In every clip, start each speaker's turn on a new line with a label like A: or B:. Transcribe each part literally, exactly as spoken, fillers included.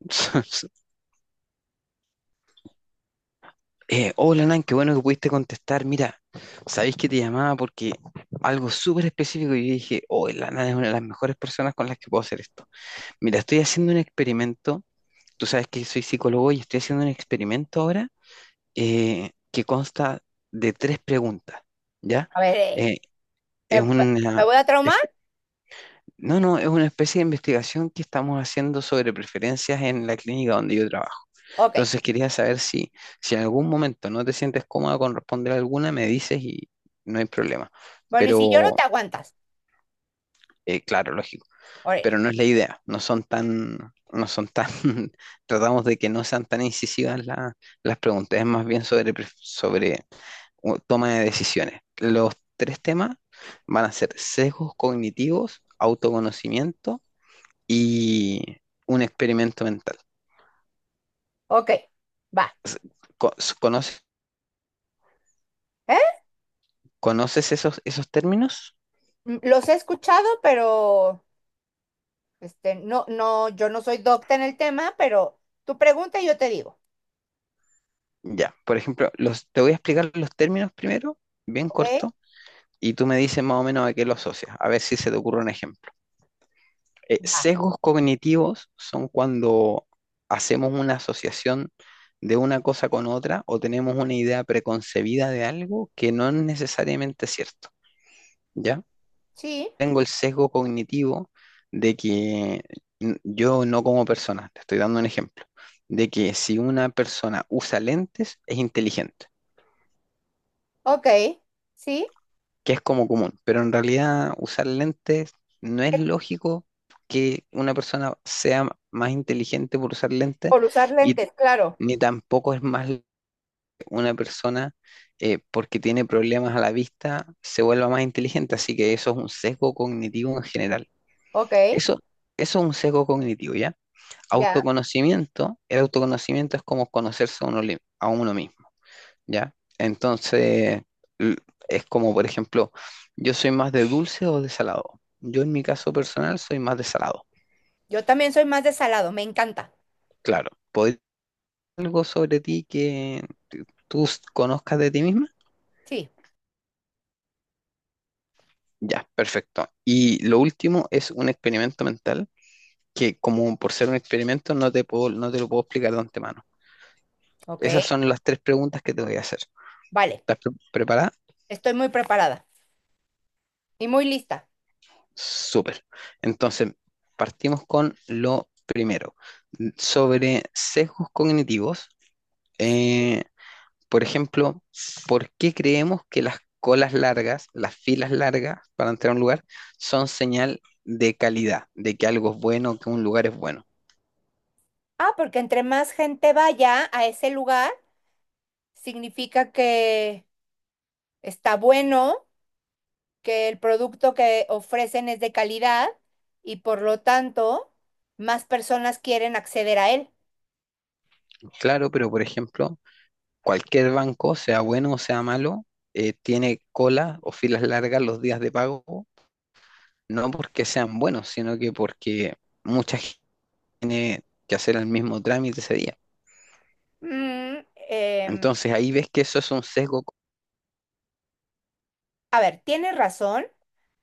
A: Eh, hola Nan, qué bueno que pudiste contestar. Mira, sabéis que te llamaba porque algo súper específico. y Yo dije, oh, la Nan es una de las mejores personas con las que puedo hacer esto. Mira, estoy haciendo un experimento. Tú sabes que soy psicólogo y estoy haciendo un experimento ahora eh, que consta de tres preguntas. ¿Ya?
B: A ver, eh,
A: Eh, es
B: ¿me, me- me
A: una,
B: voy a
A: es-
B: traumar?
A: no, no, es una especie de investigación que estamos haciendo sobre preferencias en la clínica donde yo trabajo.
B: Ok.
A: Entonces quería saber si, si en algún momento no te sientes cómoda con responder alguna, me dices y no hay problema.
B: Bueno, y si lloro,
A: Pero,
B: te aguantas.
A: eh, claro, lógico.
B: Órale.
A: Pero no es la idea. No son tan, no son tan, tratamos de que no sean tan incisivas la- las preguntas. Es más bien sobre, pref- sobre u- toma de decisiones. Los tres temas van a ser sesgos cognitivos, autoconocimiento y un experimento mental.
B: Ok, va.
A: ¿Conoces,
B: ¿Eh?
A: conoces esos, esos términos?
B: Mm, los he escuchado, pero este, no, no, yo no soy docta en el tema, pero tu pregunta y yo te digo.
A: Ya, por ejemplo, los, te voy a explicar los términos primero, bien
B: Ok,
A: corto, y tú me dices más o menos a qué lo asocias, a ver si se te ocurre un ejemplo. Eh,
B: va.
A: sesgos cognitivos son cuando hacemos una asociación de una cosa con otra o tenemos una idea preconcebida de algo que no es necesariamente cierto, ¿ya?
B: Sí,
A: Tengo el sesgo cognitivo de que n- yo no como persona, te estoy dando un ejemplo, de que si una persona usa lentes es inteligente.
B: ok, sí.
A: Que es como común, pero en realidad usar lentes no es
B: Es
A: lógico que una persona sea más inteligente por usar lentes
B: Por usar
A: y
B: lentes, claro.
A: ni tampoco es más l- una persona eh, porque tiene problemas a la vista se vuelva más inteligente, así que eso es un sesgo cognitivo en general.
B: Ok,
A: Eso, eso es un sesgo cognitivo, ¿ya?
B: ya.
A: Autoconocimiento, el autoconocimiento es como conocerse a uno, li- a uno mismo. ¿Ya? Entonces, l- es como, por ejemplo, yo soy más de dulce o de salado. Yo en mi caso personal soy más de salado.
B: Yo también soy más de salado, me encanta.
A: Claro, ¿podría decir algo sobre ti que tú s- conozcas de ti misma?
B: Sí,
A: Ya, perfecto. Y lo último es un experimento mental que como por ser un experimento no te puedo, no te lo puedo explicar de antemano.
B: ok,
A: Esas son las tres preguntas que te voy a hacer.
B: vale.
A: ¿Estás pre- preparada?
B: Estoy muy preparada y muy lista.
A: Súper. Entonces, partimos con lo primero. Sobre sesgos cognitivos,
B: Sí.
A: eh, por ejemplo, ¿por qué creemos que las colas largas, las filas largas para entrar a un lugar, son señal de calidad, de que algo es bueno, que un lugar es bueno?
B: Ah, porque entre más gente vaya a ese lugar, significa que está bueno, que el producto que ofrecen es de calidad y por lo tanto más personas quieren acceder a él.
A: Claro, pero por ejemplo, cualquier banco, sea bueno o sea malo, eh, tiene cola o filas largas los días de pago, no porque sean buenos, sino que porque mucha tiene que hacer el mismo trámite ese día.
B: Mm, em,
A: Entonces ahí ves que eso es un sesgo
B: a ver, tienes razón,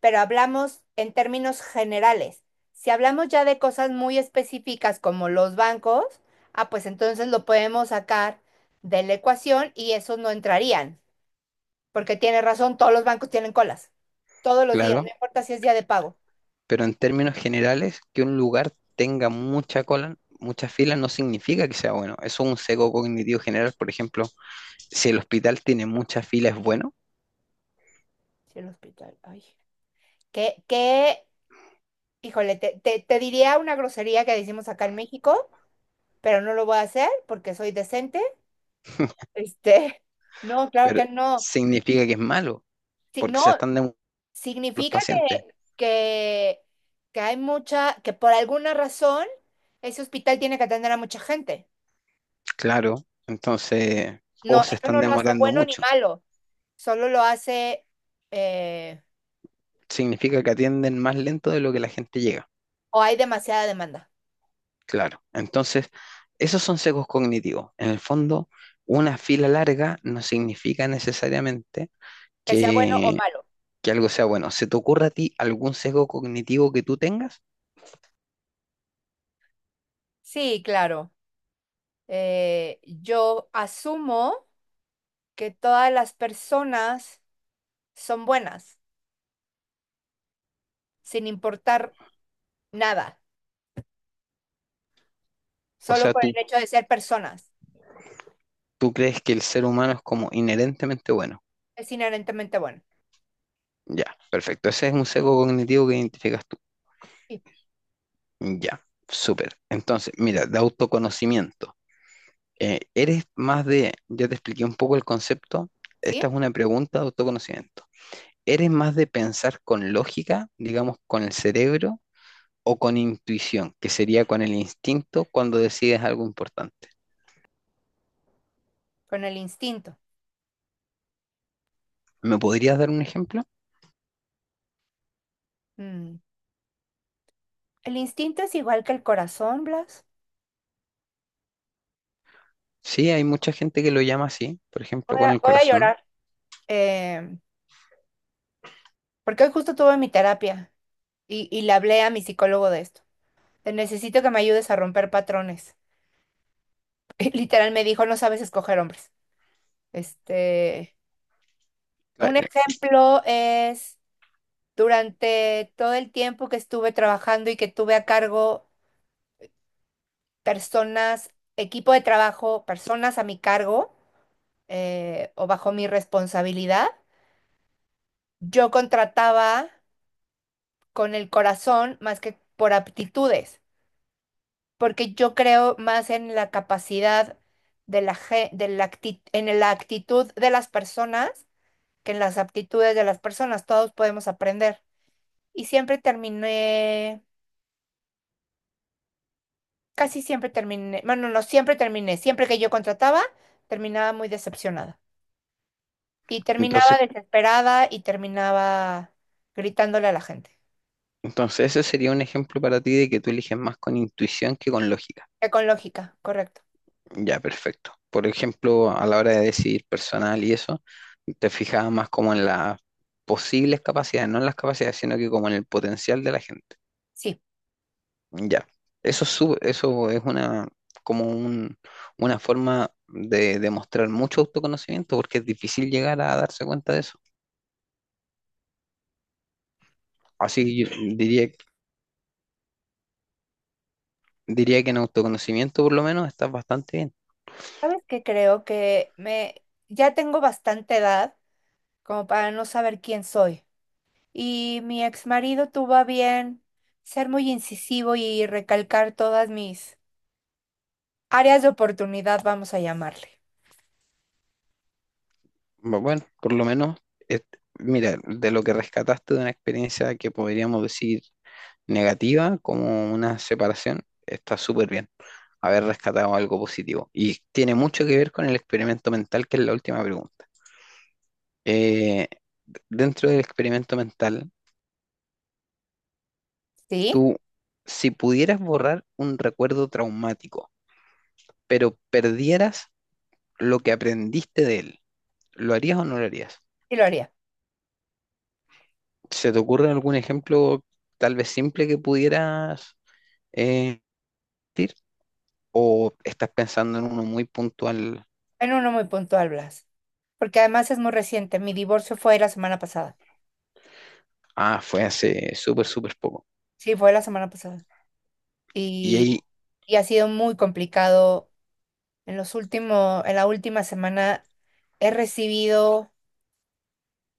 B: pero hablamos en términos generales. Si hablamos ya de cosas muy específicas como los bancos, ah, pues entonces lo podemos sacar de la ecuación y esos no entrarían, porque tienes razón, todos los bancos tienen colas, todos los días,
A: claro,
B: no importa si es día de pago.
A: pero en términos generales, que un lugar tenga mucha cola, muchas filas no significa que sea bueno. Eso es un sesgo cognitivo general. Por ejemplo, si el hospital tiene muchas filas es bueno,
B: Sí, el hospital. Ay. Qué qué híjole, te, te, te diría una grosería que decimos acá en México, pero no lo voy a hacer porque soy decente. Este, no, claro
A: pero
B: que no.
A: significa que es malo,
B: Sí,
A: porque se
B: no,
A: están demorando los
B: significa que,
A: pacientes.
B: que, que hay mucha, que por alguna razón ese hospital tiene que atender a mucha gente.
A: Claro, entonces,
B: No,
A: o se
B: eso
A: están
B: no lo hace
A: demorando
B: bueno ni
A: mucho.
B: malo, solo lo hace eh,
A: Significa que atienden más lento de lo que la gente llega.
B: o hay demasiada demanda,
A: Claro, entonces esos son sesgos cognitivos. En el fondo, una fila larga no significa necesariamente
B: que sea bueno o
A: que,
B: malo.
A: que algo sea bueno. ¿Se te ocurre a ti algún sesgo cognitivo que tú tengas?
B: Sí, claro. eh, yo asumo que todas las personas son buenas, sin importar nada,
A: O
B: solo
A: sea,
B: por
A: tú,
B: el hecho de ser personas.
A: tú crees que el ser humano es como inherentemente bueno.
B: Es inherentemente bueno.
A: Ya, perfecto. Ese es un sesgo cognitivo que identificas tú.
B: ¿Sí?
A: Ya, súper. Entonces, mira, de autoconocimiento. Eh, ¿eres más de, ya te expliqué un poco el concepto,
B: ¿Sí?
A: esta es una pregunta de autoconocimiento. ¿Eres más de pensar con lógica, digamos, con el cerebro, o con intuición, que sería con el instinto cuando decides algo importante?
B: Con el instinto.
A: ¿Me podrías dar un ejemplo?
B: Mm. El instinto es igual que el corazón, Blas.
A: Sí, hay mucha gente que lo llama así, por ejemplo,
B: Voy
A: con
B: a,
A: el
B: voy a
A: corazón.
B: llorar, eh, porque hoy justo tuve mi terapia y, y le hablé a mi psicólogo de esto. Te necesito que me ayudes a romper patrones. Literal me dijo, no sabes escoger hombres. Este,
A: La-
B: Un ejemplo es durante todo el tiempo que estuve trabajando y que tuve a cargo personas, equipo de trabajo, personas a mi cargo, eh, o bajo mi responsabilidad, yo contrataba con el corazón más que por aptitudes, porque yo creo más en la capacidad de la, ge- de la acti- en la actitud de las personas que en las aptitudes de las personas. Todos podemos aprender. Y siempre terminé Casi siempre terminé, bueno, no siempre terminé, siempre que yo contrataba, terminaba muy decepcionada. Y
A: Entonces,
B: terminaba desesperada y terminaba gritándole a la gente.
A: entonces ese sería un ejemplo para ti de que tú eliges más con intuición que con lógica.
B: Eh, Con lógica, correcto.
A: Ya, perfecto. Por ejemplo, a la hora de decidir personal y eso, te fijabas más como en las posibles capacidades, no en las capacidades, sino que como en el potencial de la gente.
B: Sí.
A: Ya, eso es, su- eso es una, como un- una forma de demostrar mucho autoconocimiento porque es difícil llegar a darse cuenta de eso. Así que yo diría, diría que en autoconocimiento por lo menos estás bastante bien.
B: ¿Sabes qué? Creo que me ya tengo bastante edad como para no saber quién soy. Y mi ex marido tuvo a bien ser muy incisivo y recalcar todas mis áreas de oportunidad, vamos a llamarle.
A: Bu- Bueno, por lo menos, et- mira, de lo que rescataste de una experiencia que podríamos decir negativa, como una separación, está súper bien haber rescatado algo positivo. Y tiene mucho que ver con el experimento mental, que es la última pregunta. Eh, dentro del experimento mental,
B: ¿Sí?
A: tú, si pudieras borrar un recuerdo traumático, pero perdieras lo que aprendiste de él, ¿lo harías o no lo harías?
B: Sí lo haría.
A: ¿Se te ocurre algún ejemplo tal vez simple que pudieras eh, decir? ¿O estás pensando en uno muy puntual?
B: En uno muy puntual, Blas. Porque además es muy reciente. Mi divorcio fue la semana pasada.
A: Ah, fue hace súper, súper poco.
B: Sí, fue la semana pasada.
A: Y
B: Y,
A: ahí,
B: y ha sido muy complicado. En los últimos, en la última semana he recibido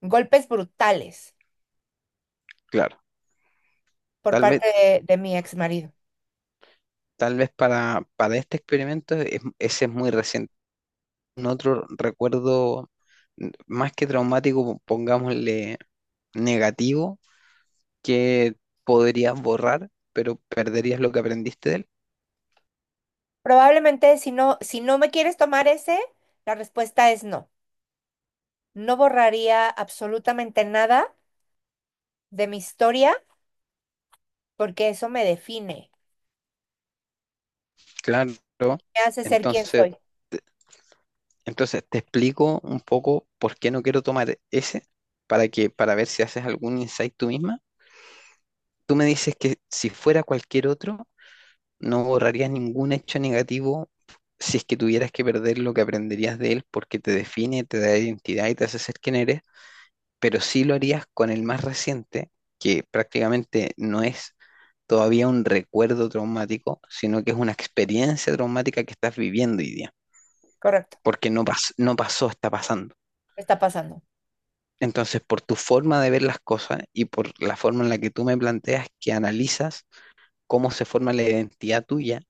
B: golpes brutales
A: claro,
B: por
A: tal vez,
B: parte de, de mi ex marido.
A: tal vez para, para este experimento es- ese es muy reciente otro recuerdo mm, más que traumático, pongámosle negativo, que podrías borrar, pero perderías lo que aprendiste de él?
B: Probablemente si no, si no me quieres tomar ese, la respuesta es no. No borraría absolutamente nada de mi historia porque eso me define.
A: Claro.
B: Me hace ser quien
A: Entonces,
B: soy.
A: entonces te explico un poco por qué no quiero tomar ese para que para ver si haces algún insight tú misma. Tú me dices que si fuera cualquier otro no borrarías ningún hecho negativo si es que tuvieras que perder lo que aprenderías de él porque te define, te da identidad y te hace ser quien eres, pero sí lo harías con el más reciente, que prácticamente no es todavía un recuerdo traumático, sino que es una experiencia traumática que estás viviendo hoy día,
B: Correcto.
A: porque no pas- no pasó, está pasando.
B: Me está pasando.
A: Entonces, por tu forma de ver las cosas y por la forma en la que tú me planteas que analizas cómo se forma la identidad tuya,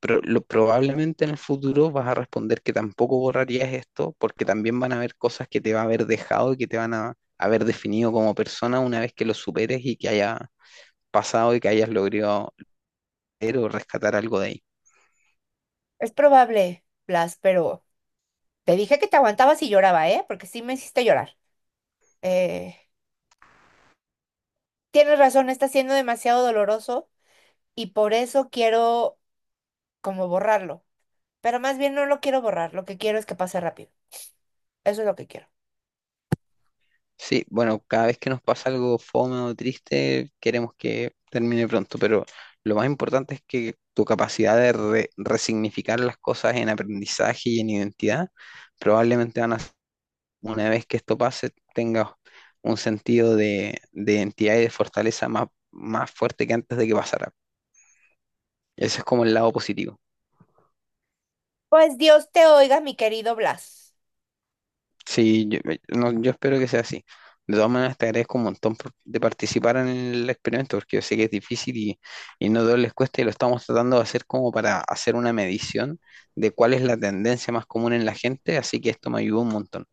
A: pero lo, probablemente en el futuro vas a responder que tampoco borrarías esto, porque también van a haber cosas que te va a haber dejado y que te van a haber definido como persona una vez que lo superes y que haya pasado y que hayas logrado leer o rescatar algo de ahí.
B: Es probable, Blas, pero te dije que te aguantabas y lloraba, ¿eh? Porque sí me hiciste llorar. Eh, tienes razón, está siendo demasiado doloroso y por eso quiero como borrarlo. Pero más bien no lo quiero borrar, lo que quiero es que pase rápido. Eso es lo que quiero.
A: Sí, bueno, cada vez que nos pasa algo fome o triste, queremos que termine pronto, pero lo más importante es que tu capacidad de re- resignificar las cosas en aprendizaje y en identidad probablemente van a una vez que esto pase, tengas un sentido de, de identidad y de fortaleza más, más fuerte que antes de que pasara. Ese es como el lado positivo.
B: Pues Dios te oiga, mi querido Blas.
A: Sí, yo, eh, no, yo espero que sea así. De todas maneras, te agradezco un montón por- de participar en el experimento, porque yo sé que es difícil y, y no a todos les cuesta, y lo estamos tratando de hacer como para hacer una medición de cuál es la tendencia más común en la gente, así que esto me ayudó un montón.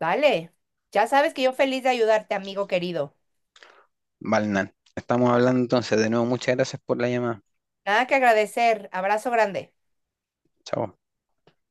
B: Dale. Ya sabes que yo feliz de ayudarte, amigo querido.
A: Valnan. Estamos hablando entonces, de nuevo, muchas gracias por la llamada.
B: Nada que agradecer. Abrazo grande.
A: Chao.